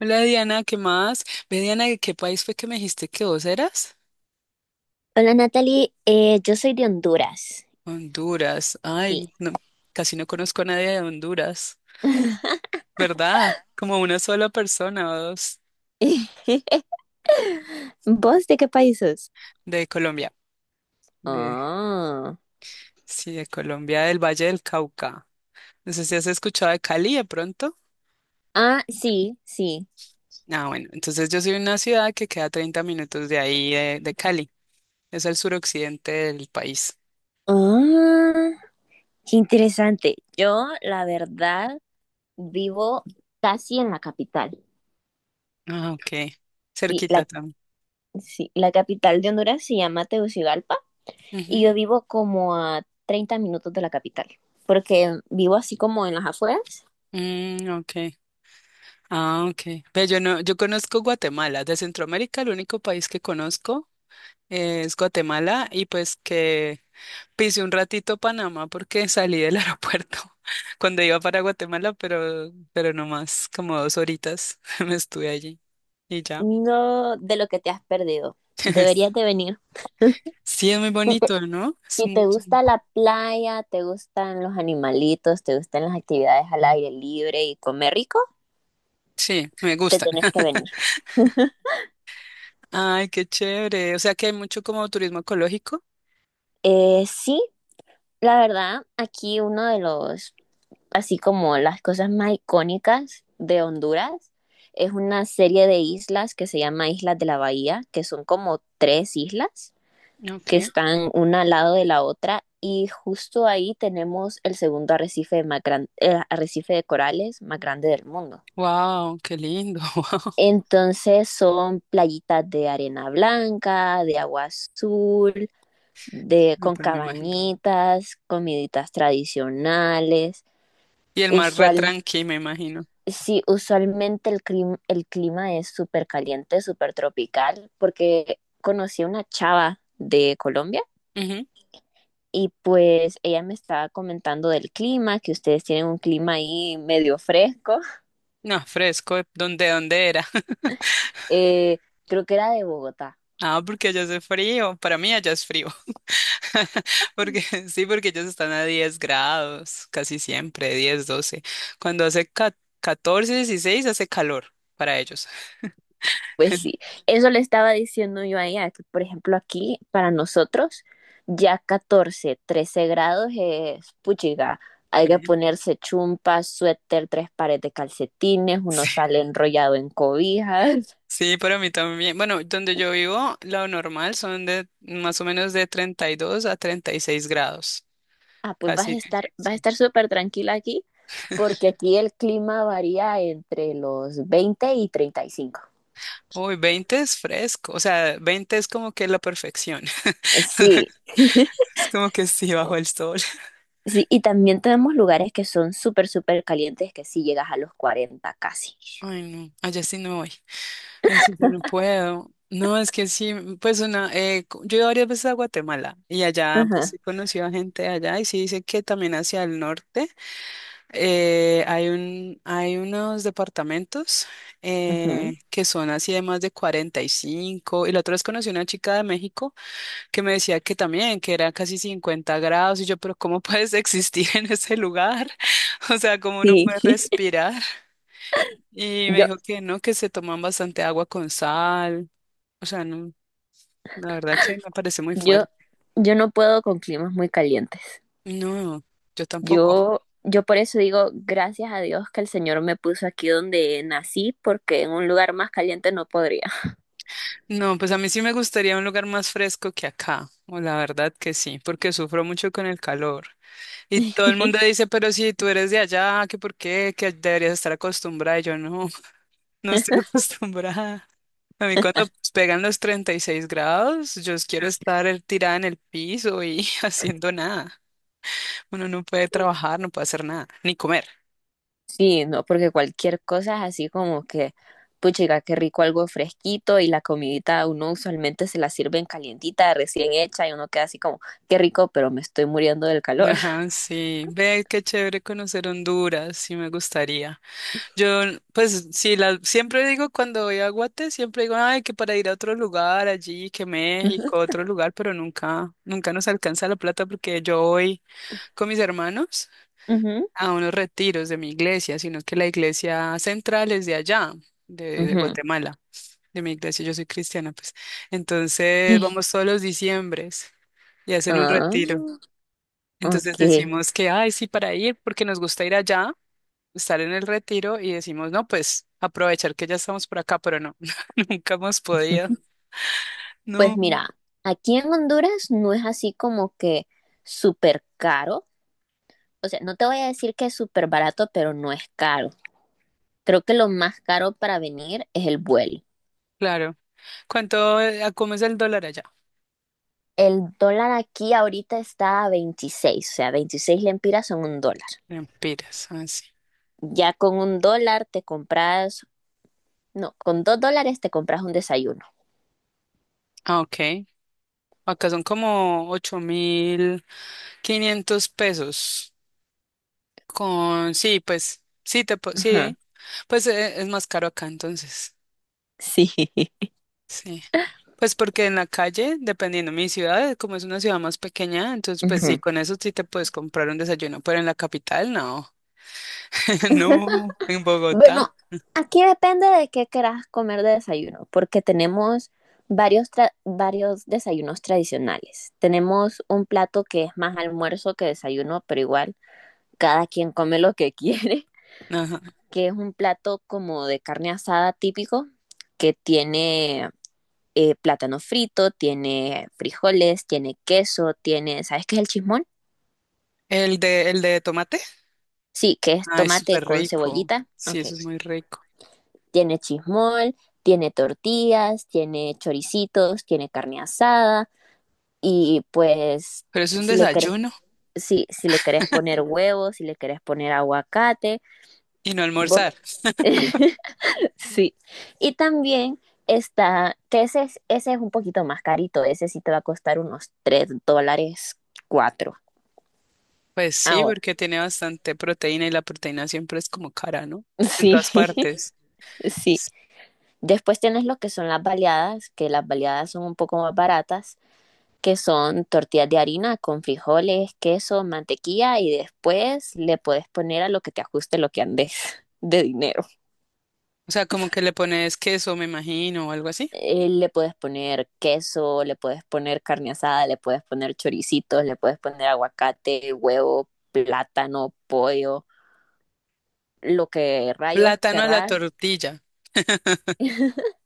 Hola Diana, ¿qué más? Ve Diana, ¿de qué país fue que me dijiste que vos eras? Hola, Natalie. Yo soy de Honduras. Honduras. Sí. Ay, no, casi no conozco a nadie de Honduras, ¿verdad? Como una sola persona o dos ¿Vos de qué país sos? de Colombia. De, Ah, sí, de Colombia, del Valle del Cauca. No sé si has escuchado de Cali de pronto. ah, sí, sí. Ah, bueno, entonces yo soy de una ciudad que queda 30 minutos de ahí, de Cali. Es el suroccidente del país. Ah, qué interesante. Yo, la verdad, vivo casi en la capital. Ah, ok. Sí, Cerquita la, también. sí, la capital de Honduras se llama Tegucigalpa y Ujú. yo vivo como a 30 minutos de la capital, porque vivo así como en las afueras. Mm, ok. Ah, ok. Ve, yo no, yo conozco Guatemala. De Centroamérica, el único país que conozco es Guatemala y pues que pisé un ratito Panamá porque salí del aeropuerto cuando iba para Guatemala, pero no más, como dos horitas me estuve allí y ya. No de lo que te has perdido. Deberías de venir. Sí, es muy bonito, ¿no? Es Si muy- te gusta la playa, te gustan los animalitos, te gustan las actividades al aire libre y comer rico, Sí, me te gusta. tenés que venir. Ay, qué chévere. O sea que hay mucho como turismo ecológico. Sí, la verdad, aquí así como las cosas más icónicas de Honduras, es una serie de islas que se llama Islas de la Bahía, que son como tres islas que Ok. están una al lado de la otra y justo ahí tenemos el segundo arrecife, arrecife de corales más grande del mundo. Wow, qué lindo. Wow. Entonces son playitas de arena blanca, de agua azul, de, No, con pues me imagino. cabañitas, comiditas tradicionales. Y el mar re Usual, tranqui, me imagino. sí, usualmente el clima es súper caliente, súper tropical, porque conocí a una chava de Colombia Ujú. y pues ella me estaba comentando del clima, que ustedes tienen un clima ahí medio fresco. No, fresco, ¿dónde era? Eh, Creo que era de Bogotá. Ah, porque allá hace frío. Para mí allá es frío. Porque sí, porque ellos están a 10 grados, casi siempre, 10, 12. Cuando hace 14, 16, hace calor para ellos. Pues sí, eso le estaba diciendo yo a ella, que por ejemplo aquí para nosotros ya 14, 13 grados es puchiga. Hay que Frío. ponerse chumpas, suéter, tres pares de calcetines, uno Sí, sale enrollado en cobijas. sí, para mí también. Bueno, donde yo vivo, lo normal son de más o menos de 32 a 36 grados. Ah, pues vas a Casi. estar, vas a Sí. estar súper tranquila aquí, porque aquí el clima varía entre los 20 y 35. Uy, 20 es fresco. O sea, 20 es como que la perfección. Sí, Es como que sí, bajo el sol. sí, y también tenemos lugares que son súper, súper calientes, que sí llegas a los 40 casi. Ay, no, allá sí no voy. Ay, sí, yo no puedo. No, es que sí, pues una, co- yo he ido varias veces a Guatemala y allá pues Ajá, he conocido a gente de allá y sí dice que también hacia el norte hay hay unos departamentos ujú. Que son así de más de 45 y la otra vez conocí a una chica de México que me decía que también, que era casi 50 grados y yo, pero ¿cómo puedes existir en ese lugar? O sea, ¿cómo uno puede Sí, respirar? Y me yo, dijo que no, que se toman bastante agua con sal. O sea, no, la verdad que me parece muy yo, fuerte. yo no puedo con climas muy calientes. No, yo tampoco. Yo por eso digo, gracias a Dios que el Señor me puso aquí donde nací, porque en un lugar más caliente no podría. No, pues a mí sí me gustaría un lugar más fresco que acá. O la verdad que sí, porque sufro mucho con el calor. Y todo el mundo dice, pero si tú eres de allá, que por qué, que deberías estar acostumbrada. Y yo no, no estoy acostumbrada. A mí cuando pegan los 36 grados, yo quiero estar tirada en el piso y haciendo nada. Uno no puede trabajar, no puede hacer nada, ni comer. Sí, no, porque cualquier cosa es así como que, puchiga, qué rico algo fresquito y la comidita uno usualmente se la sirven calientita, recién hecha y uno queda así como, qué rico, pero me estoy muriendo del calor. Ajá, sí. Ve, qué chévere conocer Honduras, sí me gustaría. Yo, pues, sí, la, siempre digo cuando voy a Guate, siempre digo, ay, que para ir a otro lugar allí, que México, otro lugar, pero nunca nos alcanza la plata porque yo voy con mis hermanos Ujú, a unos retiros de mi iglesia, sino que la iglesia central es de allá, de ujú. Guatemala, de mi iglesia, yo soy cristiana, pues. Entonces, vamos todos los diciembres y hacen un Ah, retiro. Entonces ok. decimos que, ay, sí, para ir, porque nos gusta ir allá, estar en el retiro y decimos, no, pues aprovechar que ya estamos por acá, pero no, nunca hemos podido. Pues No, mira, aquí en Honduras no es así como que súper caro. O sea, no te voy a decir que es súper barato, pero no es caro. Creo que lo más caro para venir es el vuelo. claro. ¿Cuánto, cómo es el dólar allá? El dólar aquí ahorita está a 26, o sea, 26 lempiras son $1. Empiras, así. Ya con $1 te compras, no, con $2 te compras un desayuno. Ah, ok. Acá son como 8.500 pesos. Con, sí, pues, sí, te, po- Ajá, sí. Pues es más caro acá entonces. sí. Sí. Pues porque en la calle, dependiendo de mi ciudad, como es una ciudad más pequeña, entonces pues sí, Ujú. con eso sí te puedes comprar un desayuno, pero en la capital no. No, en Bueno, Bogotá. aquí depende de qué querás comer de desayuno, porque tenemos varios desayunos tradicionales. Tenemos un plato que es más almuerzo que desayuno, pero igual cada quien come lo que quiere, Ajá. que es un plato como de carne asada típico, que tiene plátano frito, tiene frijoles, tiene queso, ¿sabes qué es el chismón? El de tomate. Sí, que es Ah, es tomate súper con rico. cebollita. Sí, Ok, eso es muy rico. tiene chismol, tiene tortillas, tiene choricitos, tiene carne asada y pues Pero eso es un si le querés, desayuno si le querés poner huevos, si le querés poner aguacate, y no vos- almorzar. sí. Y también está, que ese es un poquito más carito, ese sí te va a costar unos $3 4 Pues sí, ahora. porque tiene bastante proteína y la proteína siempre es como cara, ¿no? En Sí, todas partes. sí. Después tienes lo que son las baleadas, que las baleadas son un poco más baratas que son tortillas de harina con frijoles, queso, mantequilla y después le puedes poner a lo que te ajuste lo que andes de dinero. O sea, como que le pones queso, me imagino, o algo así. Le puedes poner queso, le puedes poner carne asada, le puedes poner choricitos, le puedes poner aguacate, huevo, plátano, pollo, lo que rayos Plátano a la querrás. tortilla.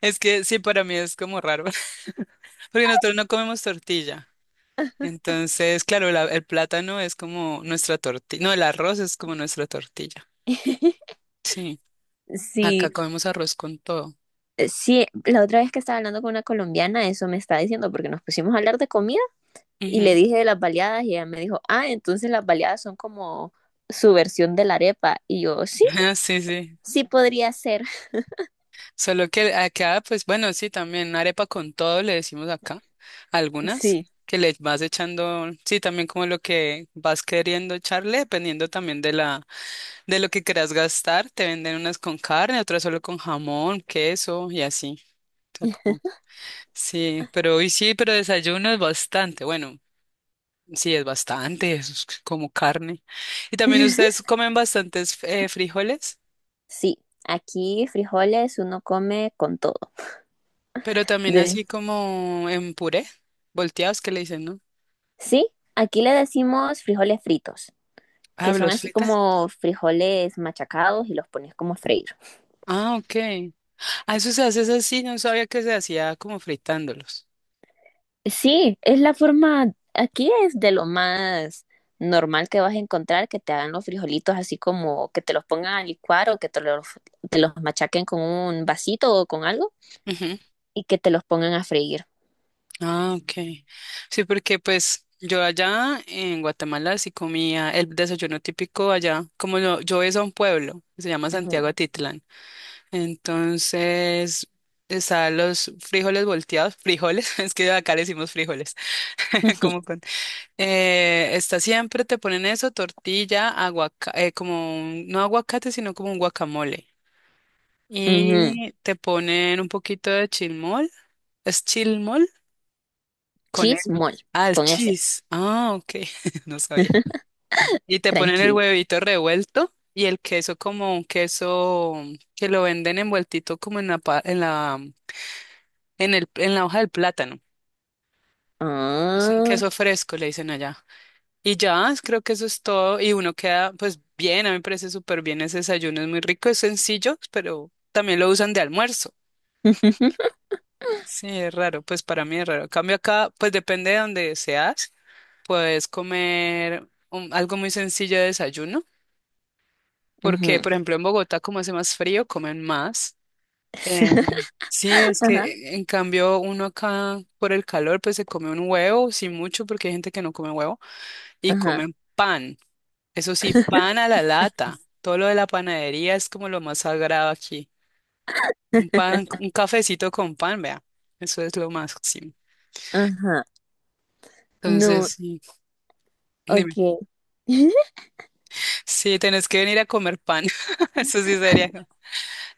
Es que sí, para mí es como raro, porque nosotros no comemos tortilla. Entonces, claro, la- el plátano es como nuestra tortilla. No, el arroz es como nuestra tortilla. Sí, Sí, acá comemos arroz con todo. sí, la otra vez que estaba hablando con una colombiana, eso me está diciendo, porque nos pusimos a hablar de comida. Y le Ujú. dije de las baleadas y ella me dijo, ah, entonces las baleadas son como su versión de la arepa. Y yo, sí, Ah, sí, sí. sí podría ser. Solo que acá, pues bueno, sí, también arepa con todo le decimos acá, algunas, Sí, que le vas echando, sí, también como lo que vas queriendo echarle, dependiendo también de la, de lo que quieras gastar, te venden unas con carne, otras solo con jamón, queso y así. O sea, como, sí, pero hoy sí, pero desayuno es bastante, bueno, sí, es bastante, es como carne. Y también ustedes comen bastantes frijoles, sí, aquí frijoles uno come con todo. pero también De- así como en puré, volteados que le dicen, ¿no? Sí, aquí le decimos frijoles fritos, Ah, que son ¿los así frita? como frijoles machacados y los pones como freídos. Ah, ok. Ah, eso se hace es así, sí, no sabía que se hacía como fritándolos. Sí, es la forma, aquí es de lo más normal que vas a encontrar que te hagan los frijolitos así como que te los pongan a licuar o que te los machaquen con un vasito o con algo Ujú. y que te los pongan a freír. Ah, ok. Sí, porque pues yo allá en Guatemala sí comía el desayuno típico allá, como yo es a un pueblo, que se llama Ujú, Santiago Atitlán. Entonces, están los frijoles volteados, frijoles, es que acá le decimos frijoles, ujú, como con está siempre, te ponen eso, tortilla, aguacate, como un- no aguacate, sino como un guacamole. ujú. Y te ponen un poquito de chilmol. ¿Es chilmol? Con el... Chismol, Ah, el con ese, cheese. Ah, ok. No sabía. Y te ponen el tranquila. huevito revuelto y el queso como un queso que lo venden envueltito como en la, pa- en la, en el, en la hoja del plátano. Es un Ah, queso fresco, le dicen allá. Y ya, es- creo que eso es todo. Y uno queda, pues bien, a mí me parece súper bien ese desayuno. Es muy rico, es sencillo, pero también lo usan de almuerzo. Sí, es raro, pues para mí es raro. En cambio acá, pues depende de donde seas, puedes comer un- algo muy sencillo de desayuno, porque ujú. por ejemplo en Bogotá como hace más frío, comen más. Eh, sí, es Ajá, que en cambio uno acá por el calor pues se come un huevo, sí mucho, porque hay gente que no come huevo, y ajá, comen pan. Eso sí, pan a la lata. Todo lo de la panadería es como lo más sagrado aquí. Un pan, un cafecito con pan, vea, eso es lo máximo. Mm. ajá. No, Entonces, sí. Dime. ok. Sí, tenés que venir a comer pan. Eso sí sería. ¿No?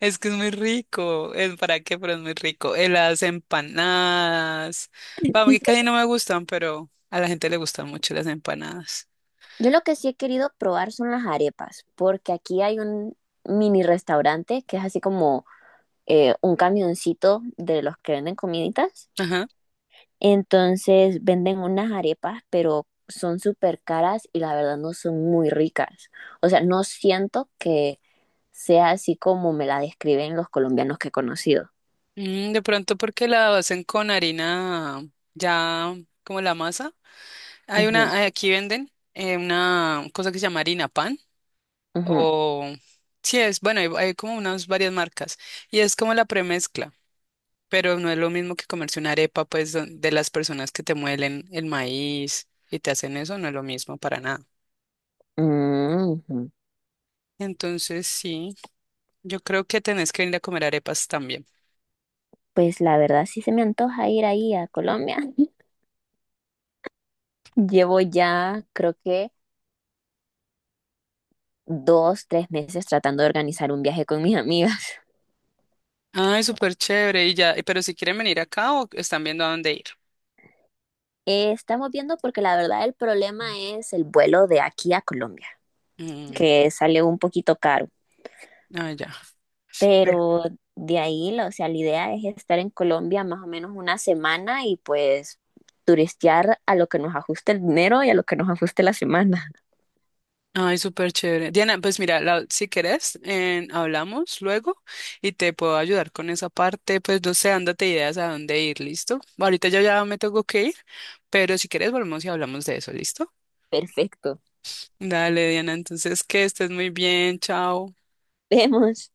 Es que es muy rico. ¿Es para qué? Pero es muy rico. Las empanadas. Vamos, que casi no me gustan, pero a la gente le gustan mucho las empanadas. Yo lo que sí he querido probar son las arepas, porque aquí hay un mini restaurante que es así como un camioncito de los que venden comiditas. Ajá. Entonces venden unas arepas, pero son súper caras y la verdad no son muy ricas. O sea, no siento que sea así como me la describen los colombianos que he conocido. Mm, de pronto porque la hacen con harina ya como la masa. Hay Ujú, una, aquí venden una cosa que se llama harina pan. ujú, O sí es, bueno, hay como unas varias marcas. Y es como la premezcla. Pero no es lo mismo que comerse una arepa, pues, don- de las personas que te muelen el maíz y te hacen eso, no es lo mismo para nada. mm, ujú. Entonces, sí, yo creo que tenés que ir a comer arepas también. Pues la verdad sí se me antoja ir ahí a Colombia. Llevo ya, creo que 2, 3 meses tratando de organizar un viaje con mis amigas. Ay, súper chévere. Y ya, pero si quieren venir acá o están viendo a dónde ir. Estamos viendo porque la verdad el problema es el vuelo de aquí a Colombia, Mm, que sale un poquito caro, ah, ya. Ve. pero de ahí, o sea, la idea es estar en Colombia más o menos una semana y pues turistear a lo que nos ajuste el dinero y a lo que nos ajuste la semana. Ay, súper chévere. Diana, pues mira, la- si querés, hablamos luego y te puedo ayudar con esa parte. Pues no sé, ándate ideas a dónde ir, ¿listo? Ahorita yo ya me tengo que ir, pero si quieres volvemos y hablamos de eso, ¿listo? Perfecto. Dale, Diana, entonces que estés muy bien, chao. Vemos.